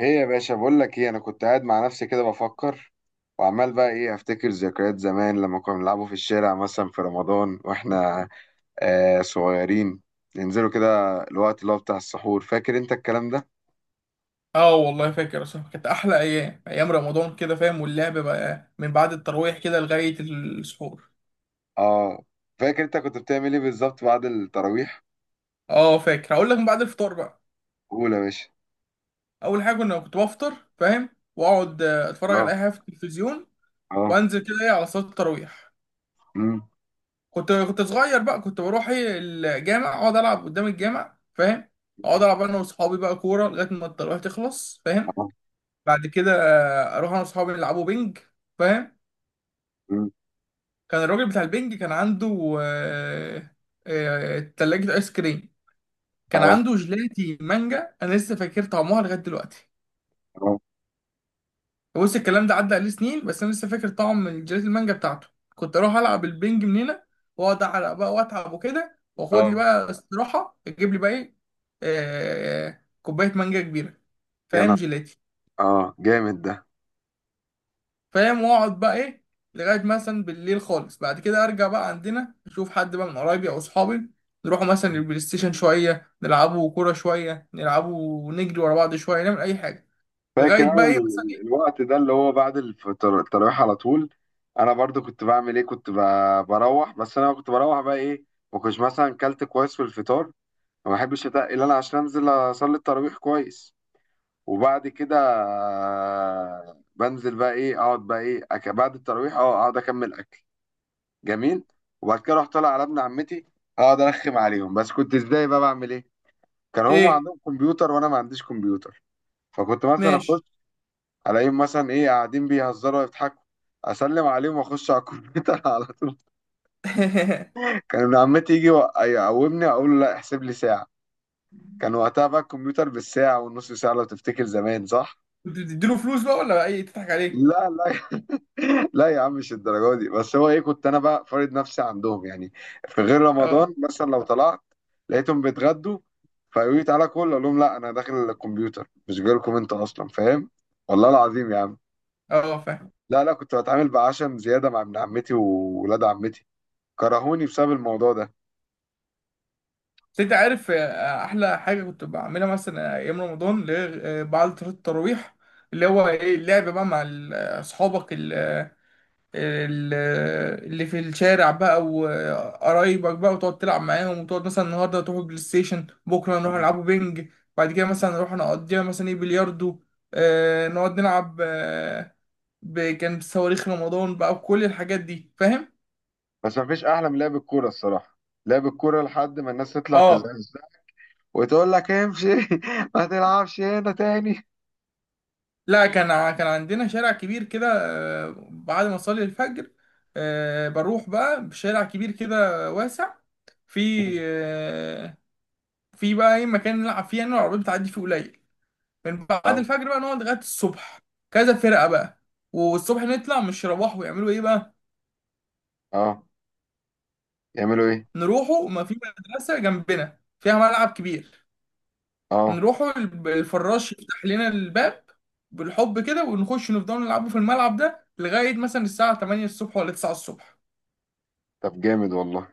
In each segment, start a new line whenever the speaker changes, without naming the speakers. ايه يا باشا، بقول لك ايه. انا كنت قاعد مع نفسي كده بفكر، وعمال بقى ايه، افتكر ذكريات زمان لما كنا بنلعبوا في الشارع مثلا في رمضان، واحنا صغيرين. ننزلوا كده الوقت اللي هو بتاع السحور. فاكر انت الكلام ده؟
اه والله فاكر اصلا كانت احلى ايام ايام رمضان كده فاهم. واللعب بقى من بعد التراويح كده لغايه السحور.
اه. فاكر انت كنت بتعمل ايه بالظبط بعد التراويح؟
اه فاكر هقول لك من بعد الفطار بقى.
قول يا باشا.
اول حاجه كنت بفطر فاهم، واقعد اتفرج
اه.
على اي حاجه في التلفزيون،
اه.
وانزل كده ايه على صلاه التراويح.
أمم.
كنت صغير بقى، كنت بروح ايه الجامع، اقعد العب قدام الجامع فاهم.
أمم.
اقعد العب انا واصحابي بقى كوره لغايه ما التراويح تخلص فاهم.
اه.
بعد كده اروح انا واصحابي نلعبوا بينج فاهم.
أمم.
كان الراجل بتاع البنج كان عنده تلاجة آيس كريم. كان
اه.
عنده جيلاتي مانجا، أنا لسه فاكر طعمها لغاية دلوقتي.
اه.
بص الكلام ده عدى عليه سنين، بس أنا لسه فاكر طعم الجيلاتي المانجا بتاعته. كنت أروح ألعب البنج من هنا، وأقعد أعرق بقى وأتعب وكده، وأخد لي
اه.
بقى استراحة أجيب لي بقى إيه، كوباية مانجا كبيرة
يا
فاهم،
نهار.
جيلاتي.
اه، جامد ده.
فاهم، واقعد بقى ايه لغايه مثلا بالليل خالص. بعد كده ارجع بقى عندنا اشوف حد بقى من قرايبي او اصحابي، نروحوا مثلا البلاي ستيشن شويه، نلعبوا كوره شويه، نلعبوا نجري ورا بعض شويه، نعمل اي حاجه
فاكر
لغايه
انا
بقى ايه مثلا ايه.
الوقت ده اللي هو بعد التراويح على طول. انا برضو كنت بعمل ايه، كنت بروح. بس انا كنت بروح بقى ايه، ما كنتش مثلا كلت كويس في الفطار. ما بحبش اتقل انا عشان انزل اصلي التراويح كويس. وبعد كده بنزل بقى ايه، اقعد بقى ايه بعد التراويح اقعد اكمل اكل. جميل. وبعد كده رحت طالع على ابن عمتي، اقعد ارخم عليهم. بس كنت ازاي بقى بعمل ايه؟ كان هم
ايه
عندهم كمبيوتر وانا ما عنديش كمبيوتر، فكنت مثلا اخش
ماشي.
الاقيهم مثلا ايه قاعدين بيهزروا ويضحكوا، اسلم عليهم واخش على الكمبيوتر على طول. كان ابن عمتي يجي يقومني، اقول له لا، احسب لي ساعه. كان وقتها بقى الكمبيوتر بالساعه والنص ساعه، لو تفتكر زمان، صح؟
كنت بتديله فلوس بقى ولا بقى ايه تضحك عليه؟
لا، لا، لا يا عم، مش الدرجه دي. بس هو ايه، كنت انا بقى فارض نفسي عندهم يعني. في غير
اه،
رمضان مثلا لو طلعت لقيتهم بيتغدوا، فيقولوا لي تعالى كل، اقول لهم لا انا داخل الكمبيوتر، مش جايلكم انتوا اصلا، فاهم. والله العظيم يا عم.
اه فاهم.
لا، لا، كنت بتعامل بعشم زياده مع ابن عمتي وولاد عمتي، كرهوني بسبب الموضوع ده.
بس انت عارف احلى حاجه كنت بعملها مثلا ايام رمضان اللي هي بعد صلاه التراويح، اللي هو ايه اللعب بقى مع اصحابك، ال- اللي في الشارع بقى وقرايبك بقى، وتقعد تلعب معاهم، وتقعد مثلا النهارده تروح بلاي ستيشن، بكره نروح
مم.
نلعبوا بينج. بعد كده مثلا نروح نقضيها مثلا ايه بلياردو، آه نقعد نلعب آه، كان بصواريخ رمضان بقى وكل الحاجات دي فاهم؟
بس مفيش احلى من لعب الكوره الصراحه. لعب الكوره لحد ما الناس تطلع
اه.
تزعزع وتقول لك امشي ما تلعبش هنا تاني.
لا كان كان عندنا شارع كبير كده، بعد ما اصلي الفجر بروح بقى بشارع كبير كده واسع. في
مم.
آه، في بقى ايه مكان نلعب فيه، يعني العربيات بتعدي فيه قليل. من بعد
اه.
الفجر بقى نقعد لغاية الصبح، كذا فرقة بقى. والصبح نطلع مش يروحوا يعملوا ايه بقى.
اه، يعملوا ايه؟
نروحوا، ما في مدرسة جنبنا فيها ملعب كبير،
اه.
نروحوا الفراش يفتح لنا الباب بالحب كده، ونخش نفضل نلعبوا في الملعب ده لغاية مثلا الساعة 8 الصبح ولا 9 الصبح.
طب جامد والله.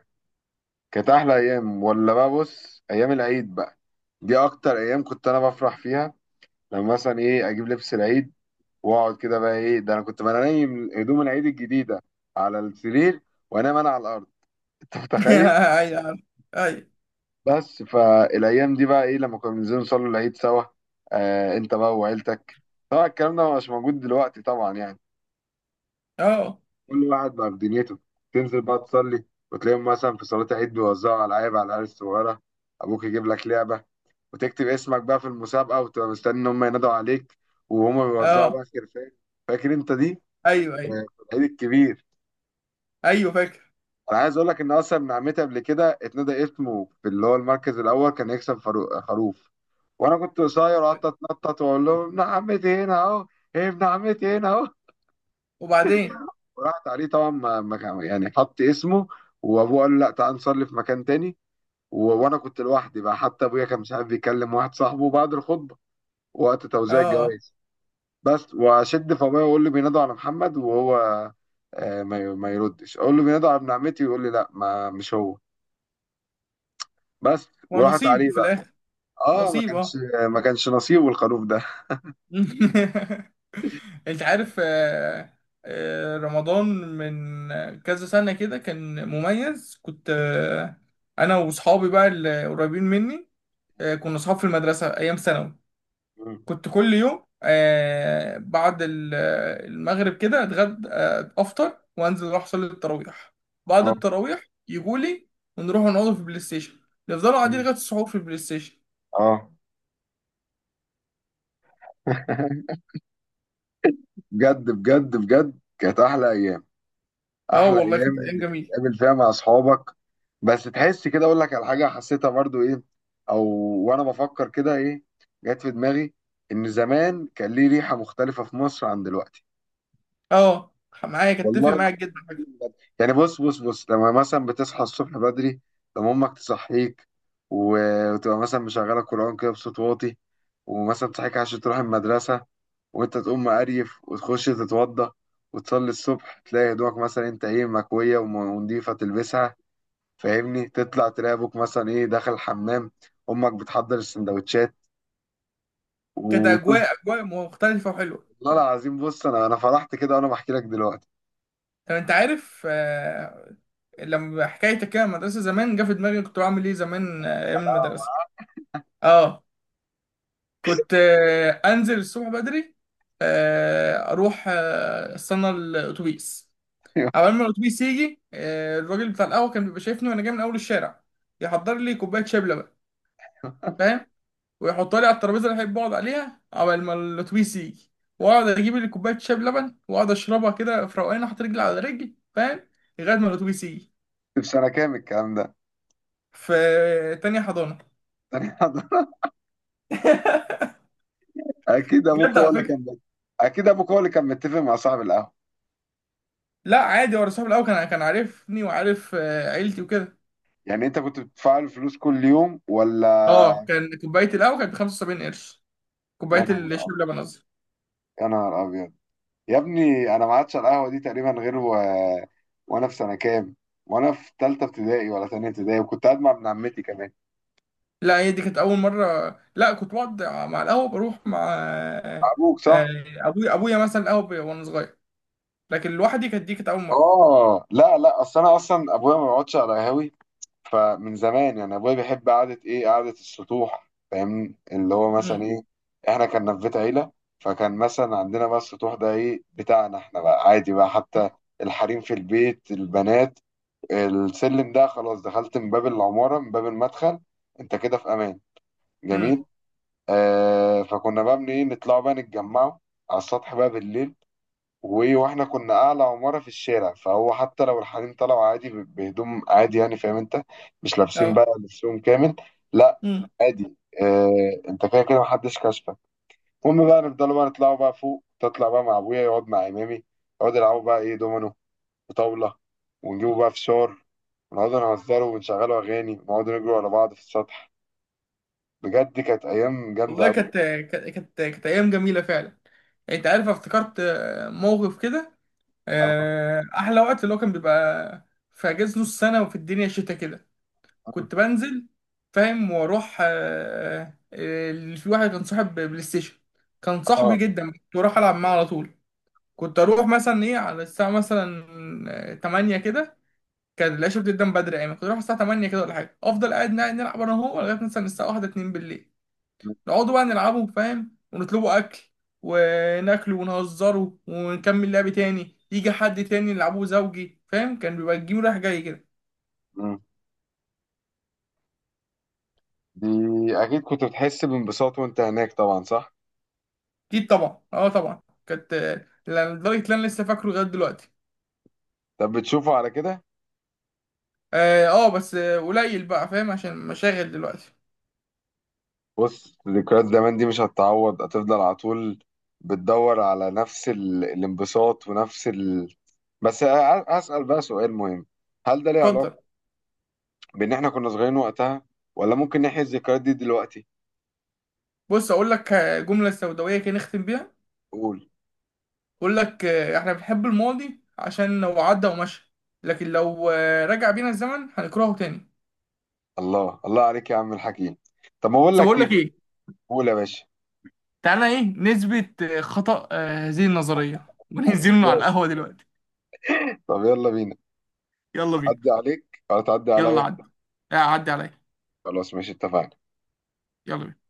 كانت احلى ايام. ولا بقى بص، ايام العيد بقى، دي اكتر ايام كنت انا بفرح فيها. لما مثلا ايه اجيب لبس العيد، واقعد كده بقى ايه، ده انا كنت بنام هدوم العيد الجديده على السرير، وانام انا على الارض انت متخيل؟
ايوه، ايوه.
بس فالايام دي بقى ايه، لما كنا بننزل نصلي العيد سوا انت بقى وعيلتك. طبعا الكلام ده مش موجود دلوقتي طبعا يعني،
اه،
كل واحد بقى في دنيته. تنزل بقى تصلي، وتلاقيهم مثلا في صلاة العيد بيوزعوا ألعاب على العيال الصغيرة. أبوك يجيب لك لعبة، وتكتب اسمك بقى في المسابقة، وتبقى مستني إن هم ينادوا عليك، وهم بيوزعوا
اه.
بقى خرفان. فاكر أنت دي؟
ايوه، ايوه،
في العيد الكبير.
ايوه فاكر.
أنا عايز أقول لك، إن أصلا من عمتي قبل كده اتنادى اسمه في اللي هو المركز الأول، كان يكسب خروف. وانا كنت قصير وقعدت اتنطط واقول لهم ابن عمتي هنا اهو، ايه، ابن عمتي هنا اهو.
وبعدين
وراحت عليه طبعا. ما يعني حط اسمه، وابوه قال له لا، تعال نصلي في مكان تاني. وانا كنت لوحدي بقى، حتى ابويا كان مش عارف، بيكلم واحد صاحبه بعد الخطبه وقت توزيع
اه،
الجوائز. بس واشد في ابويا واقول له بينادوا على محمد، وهو ما يردش. اقول له بينادوا على ابن عمتي، ويقول لي لا، ما مش هو. بس وراحت عليه
ونصيب في
بقى.
الاخر.
اه، ما
نصيب
كانش
اه.
ما كانش نصيبه الخروف ده.
انت عارف رمضان من كذا سنة كده كان مميز. كنت انا وصحابي بقى اللي قريبين مني، كنا صحاب في المدرسة ايام ثانوي.
مم.
كنت كل يوم بعد المغرب كده اتغدى، افطر وانزل اروح اصلي التراويح. بعد
اه.
التراويح يجولي، ونروح نقعد في البلاي ستيشن، نفضلوا قاعدين
مم.
لغاية السحور في البلاي ستيشن.
اه. بجد بجد بجد، كانت احلى ايام.
اه
احلى
والله
ايام
كانت ايام
اللي
جميلة.
تقابل فيها مع اصحابك. بس تحس كده، اقول لك على حاجه حسيتها برضو ايه، او وانا بفكر كده ايه، جت في دماغي ان زمان كان ليه ريحه مختلفه في مصر عن دلوقتي.
اه معايا كنت اتفق
والله.
معاك جدا.
يعني بص بص بص، لما مثلا بتصحى الصبح بدري، لما امك تصحيك، وتبقى مثلا مشغله قران كده بصوت واطي، ومثلا تصحيك عشان تروح المدرسه، وانت تقوم مقريف وتخش تتوضى وتصلي الصبح، تلاقي هدومك مثلا انت ايه مكويه ونضيفه تلبسها. فاهمني؟ تطلع تلاقي ابوك مثلا ايه داخل الحمام، امك بتحضر السندوتشات
كانت
و.
اجواء مختلفة وحلوة.
والله العظيم، بص انا فرحت كده وانا بحكي لك دلوقتي.
طب انت عارف لما حكايتك كده المدرسه زمان جه في دماغي كنت بعمل ايه زمان ايام المدرسه. اه، كنت انزل الصبح بدري، اروح استنى الاتوبيس. اول ما الاتوبيس يجي الراجل بتاع القهوه كان بيبقى شايفني وانا جاي من اول الشارع، يحضر لي كوبايه شبلة بقى فاهم، ويحطها لي على الترابيزه اللي احب اقعد عليها. اول ما الاتوبيس يجي واقعد اجيب لي كوبايه شاي بلبن واقعد اشربها كده في روقان، احط رجلي على رجلي فاهم، لغايه ما الاتوبيس يجي.
في سنه كام الكلام ده؟
في تانية حضانة،
اكيد ابوك
بجد
هو
على
اللي
فكرة.
كان اكيد ابوك هو اللي كان متفق مع صاحب القهوه.
لا عادي، هو صاحبي الأول كان عارفني وعارف عيلتي وكده.
يعني انت كنت بتدفع له فلوس كل يوم ولا؟
اه كان كوباية القهوة كانت ب 75 قرش. كوباية
يا نهار
الشاي
ابيض.
بلبن قصدي.
يا نهار ابيض. يا ابني انا ما عادش على القهوه دي تقريبا غير وانا في سنه كام، وانا في ثالثه ابتدائي ولا ثانيه ابتدائي، وكنت قاعد مع ابن عمتي كمان.
لا هي دي كانت أول مرة. لا كنت بقعد مع القهوة بروح مع
ابوك،
آه،
صح.
أبويا مثلا القهوة وأنا صغير، لكن لوحدي دي كانت أول مرة.
اه، لا، لا، اصل انا اصلا ابويا ما بيقعدش على قهاوي. فمن زمان يعني ابويا بيحب قعده ايه، قعده السطوح. فاهمني؟ اللي هو مثلا
امم،
ايه، احنا كنا في بيت عيله، فكان مثلا عندنا بقى السطوح ده ايه بتاعنا احنا بقى عادي بقى، حتى الحريم في البيت، البنات، السلم ده خلاص، دخلت من باب العماره، من باب المدخل، انت كده في امان. جميل.
امم،
فكنا بقى من ايه نطلع بقى نتجمعوا على السطح بقى بالليل. واحنا كنا اعلى عماره في الشارع، فهو حتى لو الحريم طلعوا عادي بهدوم عادي يعني، فاهم انت؟ مش لابسين
اه،
بقى لبسهم كامل. لا،
امم
عادي. انت كده كده محدش كشفك. المهم بقى نفضلوا بقى نطلعوا بقى فوق، تطلع بقى مع ابويا يقعد مع امامي، يقعدوا يلعبوا بقى ايه دومينو وطاوله، ونجيبوا بقى فشار، ونقعدوا نهزروا ونشغلوا اغاني، ونقعدوا نجروا على بعض في السطح. بجد كانت ايام جامده
والله.
قوي.
كانت أيام جميلة فعلا. يعني أنت عارف افتكرت موقف كده.
اه.
احلى وقت اللي هو كان بيبقى في اجازه نص سنه وفي الدنيا شتاء كده، كنت بنزل فاهم، واروح اللي في واحد كان صاحب بلاي ستيشن، كان صاحبي
اه.
جدا كنت بروح العب معاه على طول. كنت اروح مثلا ايه على الساعه مثلا 8 كده، كان العشاء بتبدا من بدري يعني، كنت اروح الساعه 8 كده ولا حاجه، افضل قاعد نلعب انا وهو لغايه مثلا الساعه 1 2 بالليل. نقعدوا بقى نلعبوا فاهم، ونطلبوا اكل وناكله ونهزره، ونكمل لعب تاني يجي حد تاني نلعبه زوجي فاهم. كان بيبقى الجيم رايح جاي كده.
آه. دي اكيد كنت بتحس بانبساط وانت هناك طبعا، صح؟
اكيد طبعا، اه طبعا. كانت لدرجه ان انا لسه فاكره لغايه دلوقتي.
طب بتشوفه على كده؟
اه، بس قليل بقى فاهم عشان مشاغل دلوقتي.
بص، ذكريات زمان دي مش هتتعوض، هتفضل على طول. بتدور على نفس الانبساط، ونفس بس أسأل بقى سؤال مهم. هل ده ليه علاقة
اتفضل.
بإن إحنا كنا صغيرين وقتها، ولا ممكن نحيي الذكريات دي دلوقتي؟
بص اقول لك جمله سوداويه كده نختم بيها.
قول.
اقول لك احنا بنحب الماضي عشان لو عدى ومشى، لكن لو رجع بينا الزمن هنكرهه تاني.
الله الله عليك يا عم الحكيم. طب ما أقول
بس
لك
بقول لك
إيه؟
ايه،
قول يا باشا.
تعالى ايه نثبت خطأ هذه النظرية وننزل على
إزاي؟
القهوة دلوقتي.
طب يلا بينا.
يلا بينا.
عدي عليك ولا تعدي
يلا
عليا؟
عدي عليا.
خلاص، ماشي، اتفقنا.
يلا بينا.